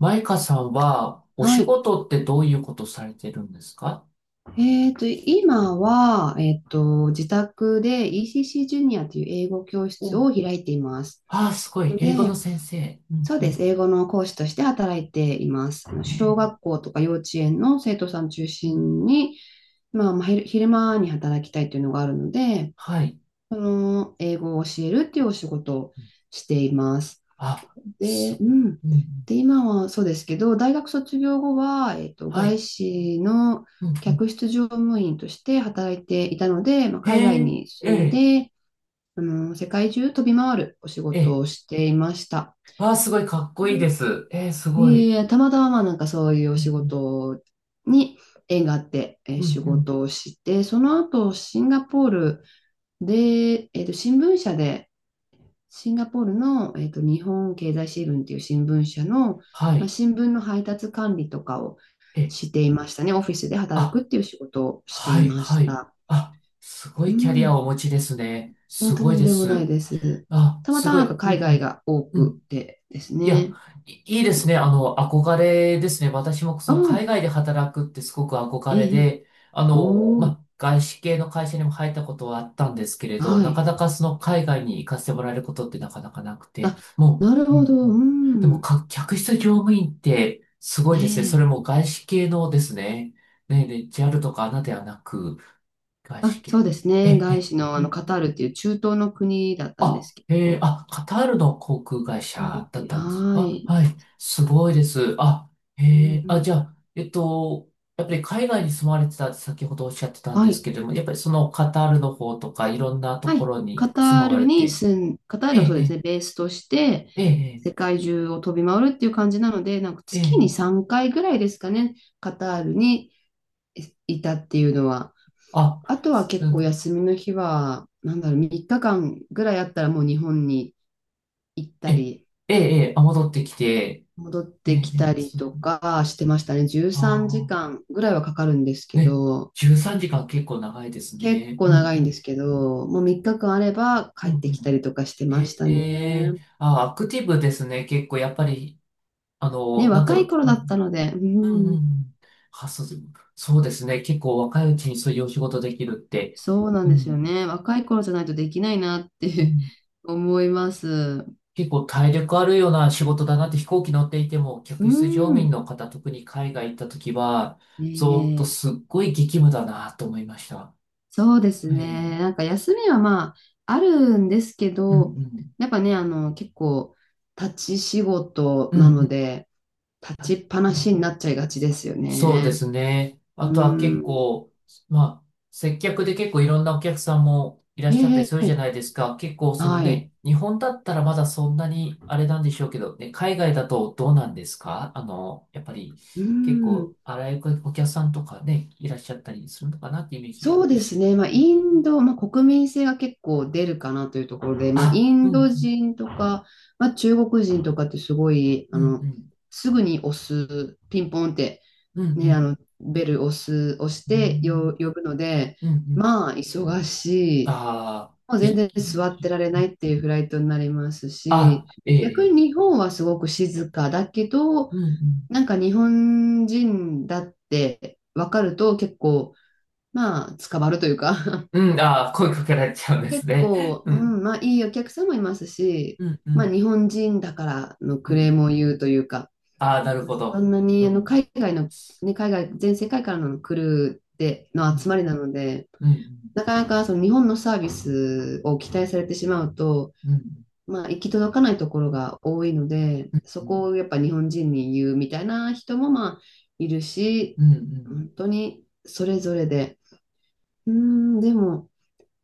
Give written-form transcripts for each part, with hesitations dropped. マイカさんは、おは仕い。事ってどういうことされてるんですか？今は、自宅で ECC ジュニアという英語教室お、を開いています。ああ、すごい。の英語ので、先生。うんそううでん。す。英語の講師として働いています。あの小え学校とか幼稚園の生徒さん中う心ん、に、まあ、昼昼間に働きたいというのがあるので、はい。その英語を教えるっていうお仕事をうん。しています。あ、すで、ごい。うん。うんうん、で、今はそうですけど、大学卒業後は、は外い。資のうんうん。客室乗務員として働いていたので、まあ、え海外ー、に住んえで、世界中飛び回るお仕ー、事えをしていました。ああ、すごい。かっこいいでで、す。すごいい。え、たまたま、まあ、なんかそういうおう仕ん事に縁があって、うん、仕うんうん、事をして、その後シンガポールで、新聞社でシンガポールの、日本経済新聞っていう新聞社の、はまあ、い。新聞の配達管理とかをえー、していましたね。オフィスで働あ、くっていう仕事をしてはいい、まはしい。た。あ、すごういキャリアん、をお持ちですね。すとごいんででもないす。です。あ、たますたまごい。なんかうん海外が多うん。うん、くてですいや、ね。いいいですね。憧れですね。私もあその海あ、外で働くってすごく憧えれえ、で、おまお、あ、外資系の会社にも入ったことはあったんですけれど、はなかい。なかその海外に行かせてもらえることってなかなかなくて、あ、もなるう、うんほうど、うん。でもん、か、客室乗務員ってすごえいですね。それえ。も外資系のですね。ね、で JAL とか a ではなく、外あ、資そ系うでの。すえね。え、外え資の、え。カタールっていう中東の国だったんであ、すけど、あ、カタールの航空会カタールっ社てだっいう、たんです。はあ、い。はい。すごいです。あ、うあ、ん、じゃあ、やっぱり海外に住まれてたって先ほどおっしゃってたんはですい。けれども、やっぱりそのカタールの方とかいろんなとはこい。ろに住まわれて、カターえルをそうですえ、ね、ベースとして、え世え、界中を飛び回るっていう感じなので、なんかええ、え月にえ、3回ぐらいですかね、カタールにいたっていうのは。あ、あとはす、結構休みの日は、なんだろう、3日間ぐらいあったらもう日本に行っえたえ、り、ええ、ええあ、戻ってきて、戻っええ、えてきたえ、りす、とかしてましたね。13時あ間ぐらいはかかるんですあ、けね、ど、13時間結構長いです結ね。構うん、長ういんん、ですけど、もう3日間あればう帰ん、うってきたん。りとかしてましえたね。えーあ、アクティブですね。結構、やっぱり、ね、なんだ若いろ頃う。うだったん、ので、ううん、うんん、うん。あ、そう、そうですね。結構若いうちにそういうお仕事できるって、そうなんうですよん、ね。若い頃じゃないとできないなっうて ん。思います。結構体力あるような仕事だなって飛行機乗っていても、う客室乗務員ん。の方、特に海外行った時は、ずっとええ、すっごい激務だなと思いました。そうですえね。なんえか休みはまあ、あるんですけうん、うど、ん、やっぱね、結構、立ち仕事うん、うなのん。で、あ立ちっぱうなしにん、なっちゃいがちですよそうでね。すね。あうとは結ん。構、まあ、接客で結構いろんなお客さんもいらっしゃったりえするじゃえ、ないですか。結構そのはね、い。日本だったらまだそんなにあれなんでしょうけど、ね、海外だとどうなんですか？やっぱりう結ん。構あらゆるお客さんとかね、いらっしゃったりするのかなってイメージあそっうたりですする。ね。まあ、インド、まあ、国民性が結構出るかなというところで、まあ、イあ、うンドん、人とか、まあ、中国人とかってすごい、うん、うん、すぐに押す、ピンポンって、うん、うね、ん、ベル押す、押しうてよん、呼ぶので、うん、うん。まあ、忙しい。ああ、もう全い、然座ってられないっていうフライトになりますあ、し、え逆え、に日本はすごく静かだけど、うん、うん。なんか日本人だって分かると結構、まあ、つかまるというか うん、ああ、声かけられちゃうんです結ね。構、ううん、ん、まあいいお客さんもいますし、うん、うまあ日ん、本人だからのうクレーん。ムを言うというか、ああ、なるほそど。んなうにん、海外の、ね、海外、全世界からの来るでうの集まん、りなので、うん、なかなかその日本のサービスを期待されてしまうと、うん、まあ行き届かないところが多いので、そうこん、をやっぱ日本人に言うみたいな人もまあいるし、うん、うん、本当にそれぞれで、うん、でも、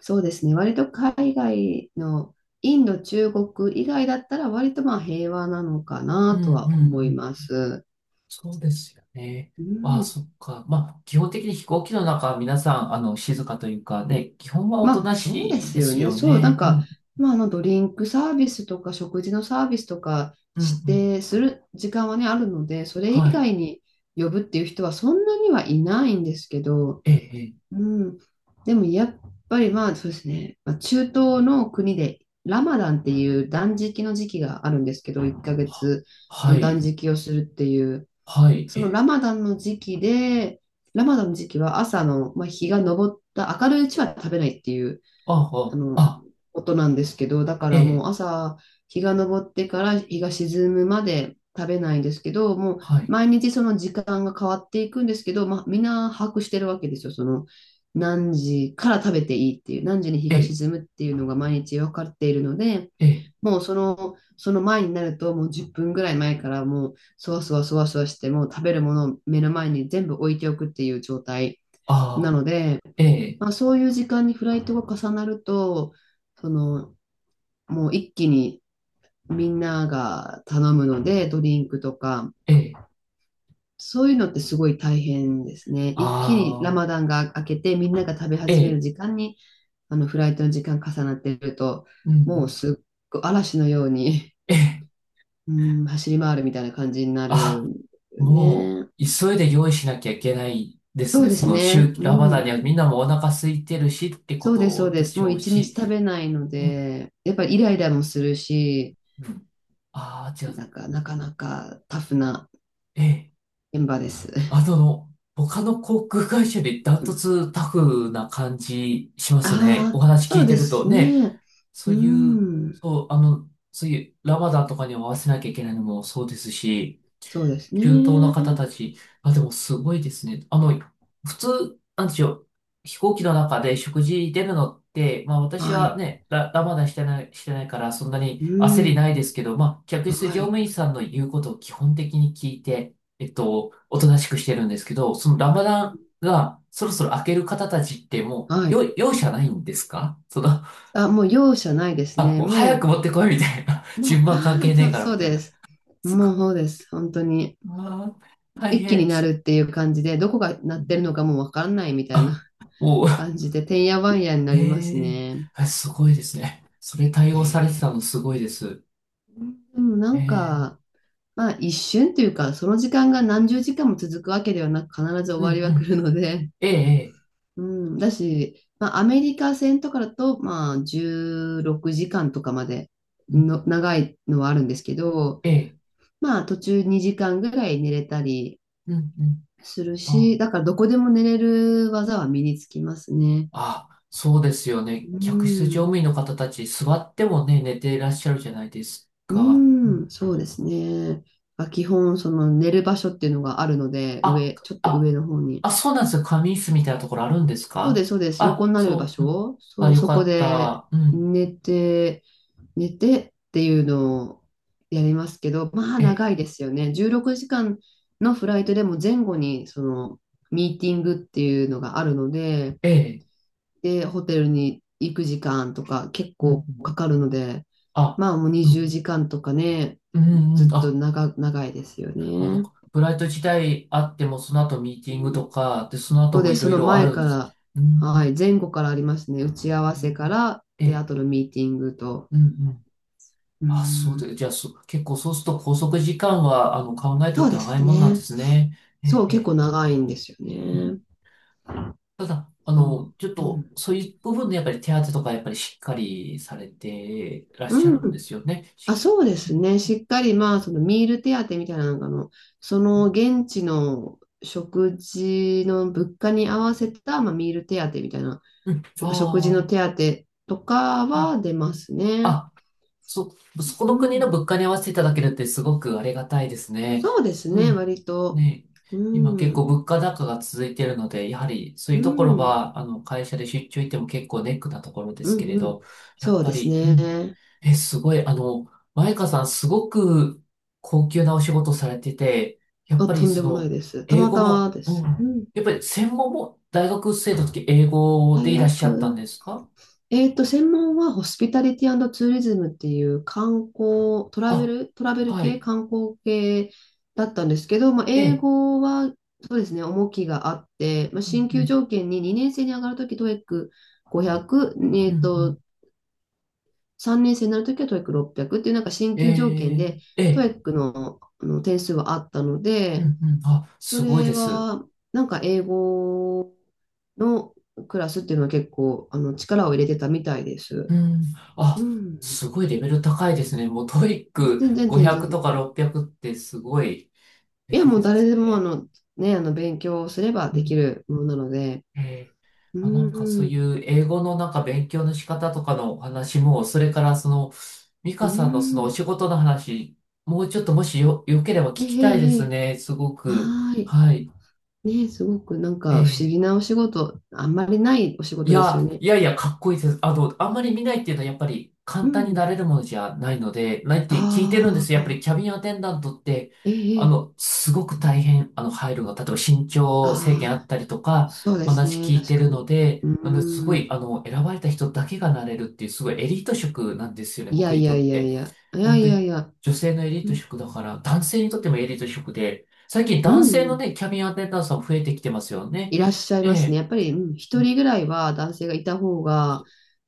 そうですね。割と海外のインド、中国以外だったら割とまあ平和なのかうなん、うとん、はう思いまん。す。そうですよね。うああ、ん。そっか。まあ、基本的に飛行機の中は皆さん、静かというかね、基本はおまとあなそうでしいすでよすね。よそう、なんね。うか、ん、まあドリンクサービスとか食事のサービスとかうん、うん。指定する時間はね、あるので、それは以い。外に呼ぶっていう人はそんなにはいないんですけど、ええ、ええ、うん。でもやっぱりまあそうですね、まあ、中東の国でラマダンっていう断食の時期があるんですけど、1ヶは、月はの断い、食をするっていう、はい、えそのえ、ラマダンの時期で、ラマダンの時期は朝の、まあ、日が昇った明るいうちは食べないっていうあああ、の、あ、ことなんですけど、だかえらもえ、う朝、日が昇ってから日が沈むまで食べないんですけど、もうはい、毎日その時間が変わっていくんですけど、まあ、みんな把握してるわけですよ。その何時から食べていいっていう、何時に日えがえ、沈むっていうのが毎日分かっているので、ええ、もうその前になると、もう10分ぐらい前からもう、そわそわそわそわして、もう食べるものを目の前に全部置いておくっていう状態なあので、あ、ええ、まあ、そういう時間にフライトが重なると、その、もう一気にみんなが頼むので、ドリンクとか、ええ、そういうのってすごい大変ですね。一気にラああ、マダンが明けて、みんなが食べえ始めるえ、時間に、フライトの時間重なってると、うんうもん、うすっごい嵐のように、ええ、うん、走り回るみたいな感じになあ、るもね。う、急いで用意しなきゃいけないですそうね。でそすの、ね。週、うラマダンん。にはみんなもお腹空いてるしってこそうです、そうとでです。しもうょう一日し、食べないのうん、で、やっぱイライラもするし、うん。ああ、じゃあ、なんか、なかなかタフなええ、現場です。あの、他の航空会社よりダ ンうトん、ツタフな感じしますね。おああー、話そ聞ういてでるとすね。ね。そうういう、ん、そう、そういうラマダンとかに合わせなきゃいけないのもそうですし、そうです中東のね。方たち、あ、でもすごいですね。普通、なんでしょう、飛行機の中で食事出るのって、まあ私ははい。ね、ラマダンしてない、してないからそんなにう焦りん、ないですけど、まあ客室は乗務い。員さんの言うことを基本的に聞いて、おとなしくしてるんですけど、そのラマダンがそろそろ明ける方たちってもはう、よ、い。容赦ないんですかその。あ、もう容赦ないですあ、ね。もう早もく持ってこいみたいな。う、も順うバ番関ー係ンねえと、からそみうたいでな。す。すごい。もうそうです。本当に。うわー、大一気に変。なるっていう感じで、どこが鳴ってるのかもうわからないみたいなあ、もう、感じで、てんやわんやに なえりますえ、ね。あ、すごいですね。それ対ね応されてえ、たのすごいです。でもなんか、ええ、まあ一瞬というか、その時間が何十時間も続くわけではなく、必ず終うわんりうは来ん。るので、ええええ うん、だし、まあアメリカ戦とかだと、まあ16時間とかまでうん、の長いのはあるんですけど、ええ、まあ途中2時間ぐらい寝れたりうんうん。するあ、し、だからどこでも寝れる技は身につきますね。あ、そうですよね。う客室乗ん、務員の方たち、座ってもね、寝ていらっしゃるじゃないですうか。うん、ん、そうですね。まあ基本、その寝る場所っていうのがあるので、あ、ちょっと上あ、の方に。あ、そうなんですよ。仮眠室みたいなところあるんですそうでか？す、そうです。横あ、になる場そう。うん。所。そあ、う、よそかこっでた。うん。寝て、寝てっていうのをやりますけど、まあええ、長いですよね。16時間のフライトでも前後にそのミーティングっていうのがあるので、ええ。で、ホテルに行く時間とか結うんう構ん。かかるので、あ、まあもうう20ん。時間とかね、うんずうん。っと長、長いですよあの、ね。ブライト時代あっても、その後ミーティングとか、で、そのそ後うもでいす。ろそいのろあ前るんかです。ら、うはい、ん。前後からありますね。打ち合わせから、ええ、で、あええ、とのミーティングと。うんうん。うあ、そうん。で、じゃあ、そう、結構そうすると拘束時間は、考えとそっうてで長すいもんなんでね。すね。えそえ、う、え結え。構長いんですようね。ん、ただ、そちょっう。うと、ん。そういう部分でやっぱり手当とかやっぱりしっかりされてらっしゃうん。るんですよね。あ、し、そうでうすね。ん、しっかり、まあ、そのミール手当みたいなのが、なんか、その現地の食事の物価に合わせた、まあ、ミール手当みたいな、なんか食事のう、手ああ当とかー、うはん。出ますね。あ、そ、そこうの国ん。の物価に合わせていただけるってすごくありがたいですね。そうですうね。ん。割と。ね、今結う構ん。物価高が続いているので、やはりそうういうとこん、ろうん、は、会社で出張行っても結構ネックなところですけれうど、ん。やそっうぱですり、うん。ね。え、すごい、マイカさんすごく高級なお仕事をされてて、やっあ、ぱとりんでそもないの、です。た英ま語たまも、でうす。うん。ん。やっぱり専門も大学生の時英語で大いらっしゃったんで学、すか？専門はホスピタリティツーリズムっていう観光、あ、トラベルは系、い。観光系だったんですけど、まあ、え英え。語は、そうですね、重きがあって、まあ、うん進う級ん条件に2年生に上がるとき、トエック c 5 0 0えうんうっん、と、3年生になるときはト o e i c 6 0 0っていう、なんか進え級条件え、で、えトエえ、ックの、あの点数はあったのうで、んうん、あ、そすごいれです。は、なんか英語のクラスっていうのは結構、力を入れてたみたいです。うん、うあ、ん。すごいレベル高いですね。もうトイッまあ、ク全然全然。500とか600っぴゃくってすごいいレや、ベルもうで誰すでも、あね。の、ね、あの、勉強すればうでん、きるものなので。ええ、うあ、なんかそういん。う英語のなんか勉強の仕方とかのお話も、それからその、ミうカさんのそのおん。仕事の話、もうちょっともしよ、よければ聞ええきたいでえすえ、ね。すごく。はーい。はい。ね、すごくなんえか不思え。議なお仕事、あんまりないお仕い事ですよや、ね。いやいや、かっこいいです。あんまり見ないっていうのはやっぱり簡う単になん。れるものじゃないので、ないって聞いてるんであすよ。やっぱりあ、キャビンアテンダントって、えええ、すごく大変、入るのが、例えば身長制限ああっあ、たりとか、そうです話ね、聞い確てかるのに。で、うなのですごん。い、選ばれた人だけがなれるっていう、すごいエリート職なんですよね、い僕やにいやとっいやいて。や、いや本当いやに、いや、女性のエリーうトん職だから、男性にとってもエリート職で、最近う男ん性うのん、ね、キャビンアテンダントさん増えてきてますよね。いらっしゃいえますね。え。やっぱり、うん、一人ぐらいは男性がいた方が、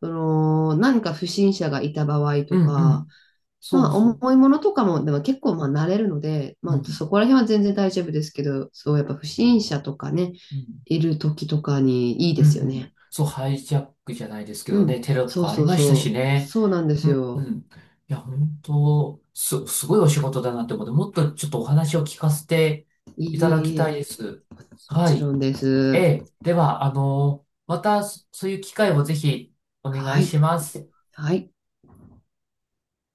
何か不審者がいた場合うとんうか、ん。そまうあ、そ重いものとかも、でも結構、まあ、慣れるので、う。まうあ、そん。こら辺は全然大丈夫ですけど、そう、やっぱ不審者とかね、うん。いる時とかにいいうんですようね。ん。そう、ハイジャックじゃないですけうどん、ね、テロとそうかありそうましたしそう、ね。そうなんですうんうよ。ん。いや、本当、す、すごいお仕事だなって思って、もっとちょっとお話を聞かせていい、いただきいいいたいい、です。もはちい。ろんでえす。え。では、また、そういう機会をぜひお願はいしい、ます。はい。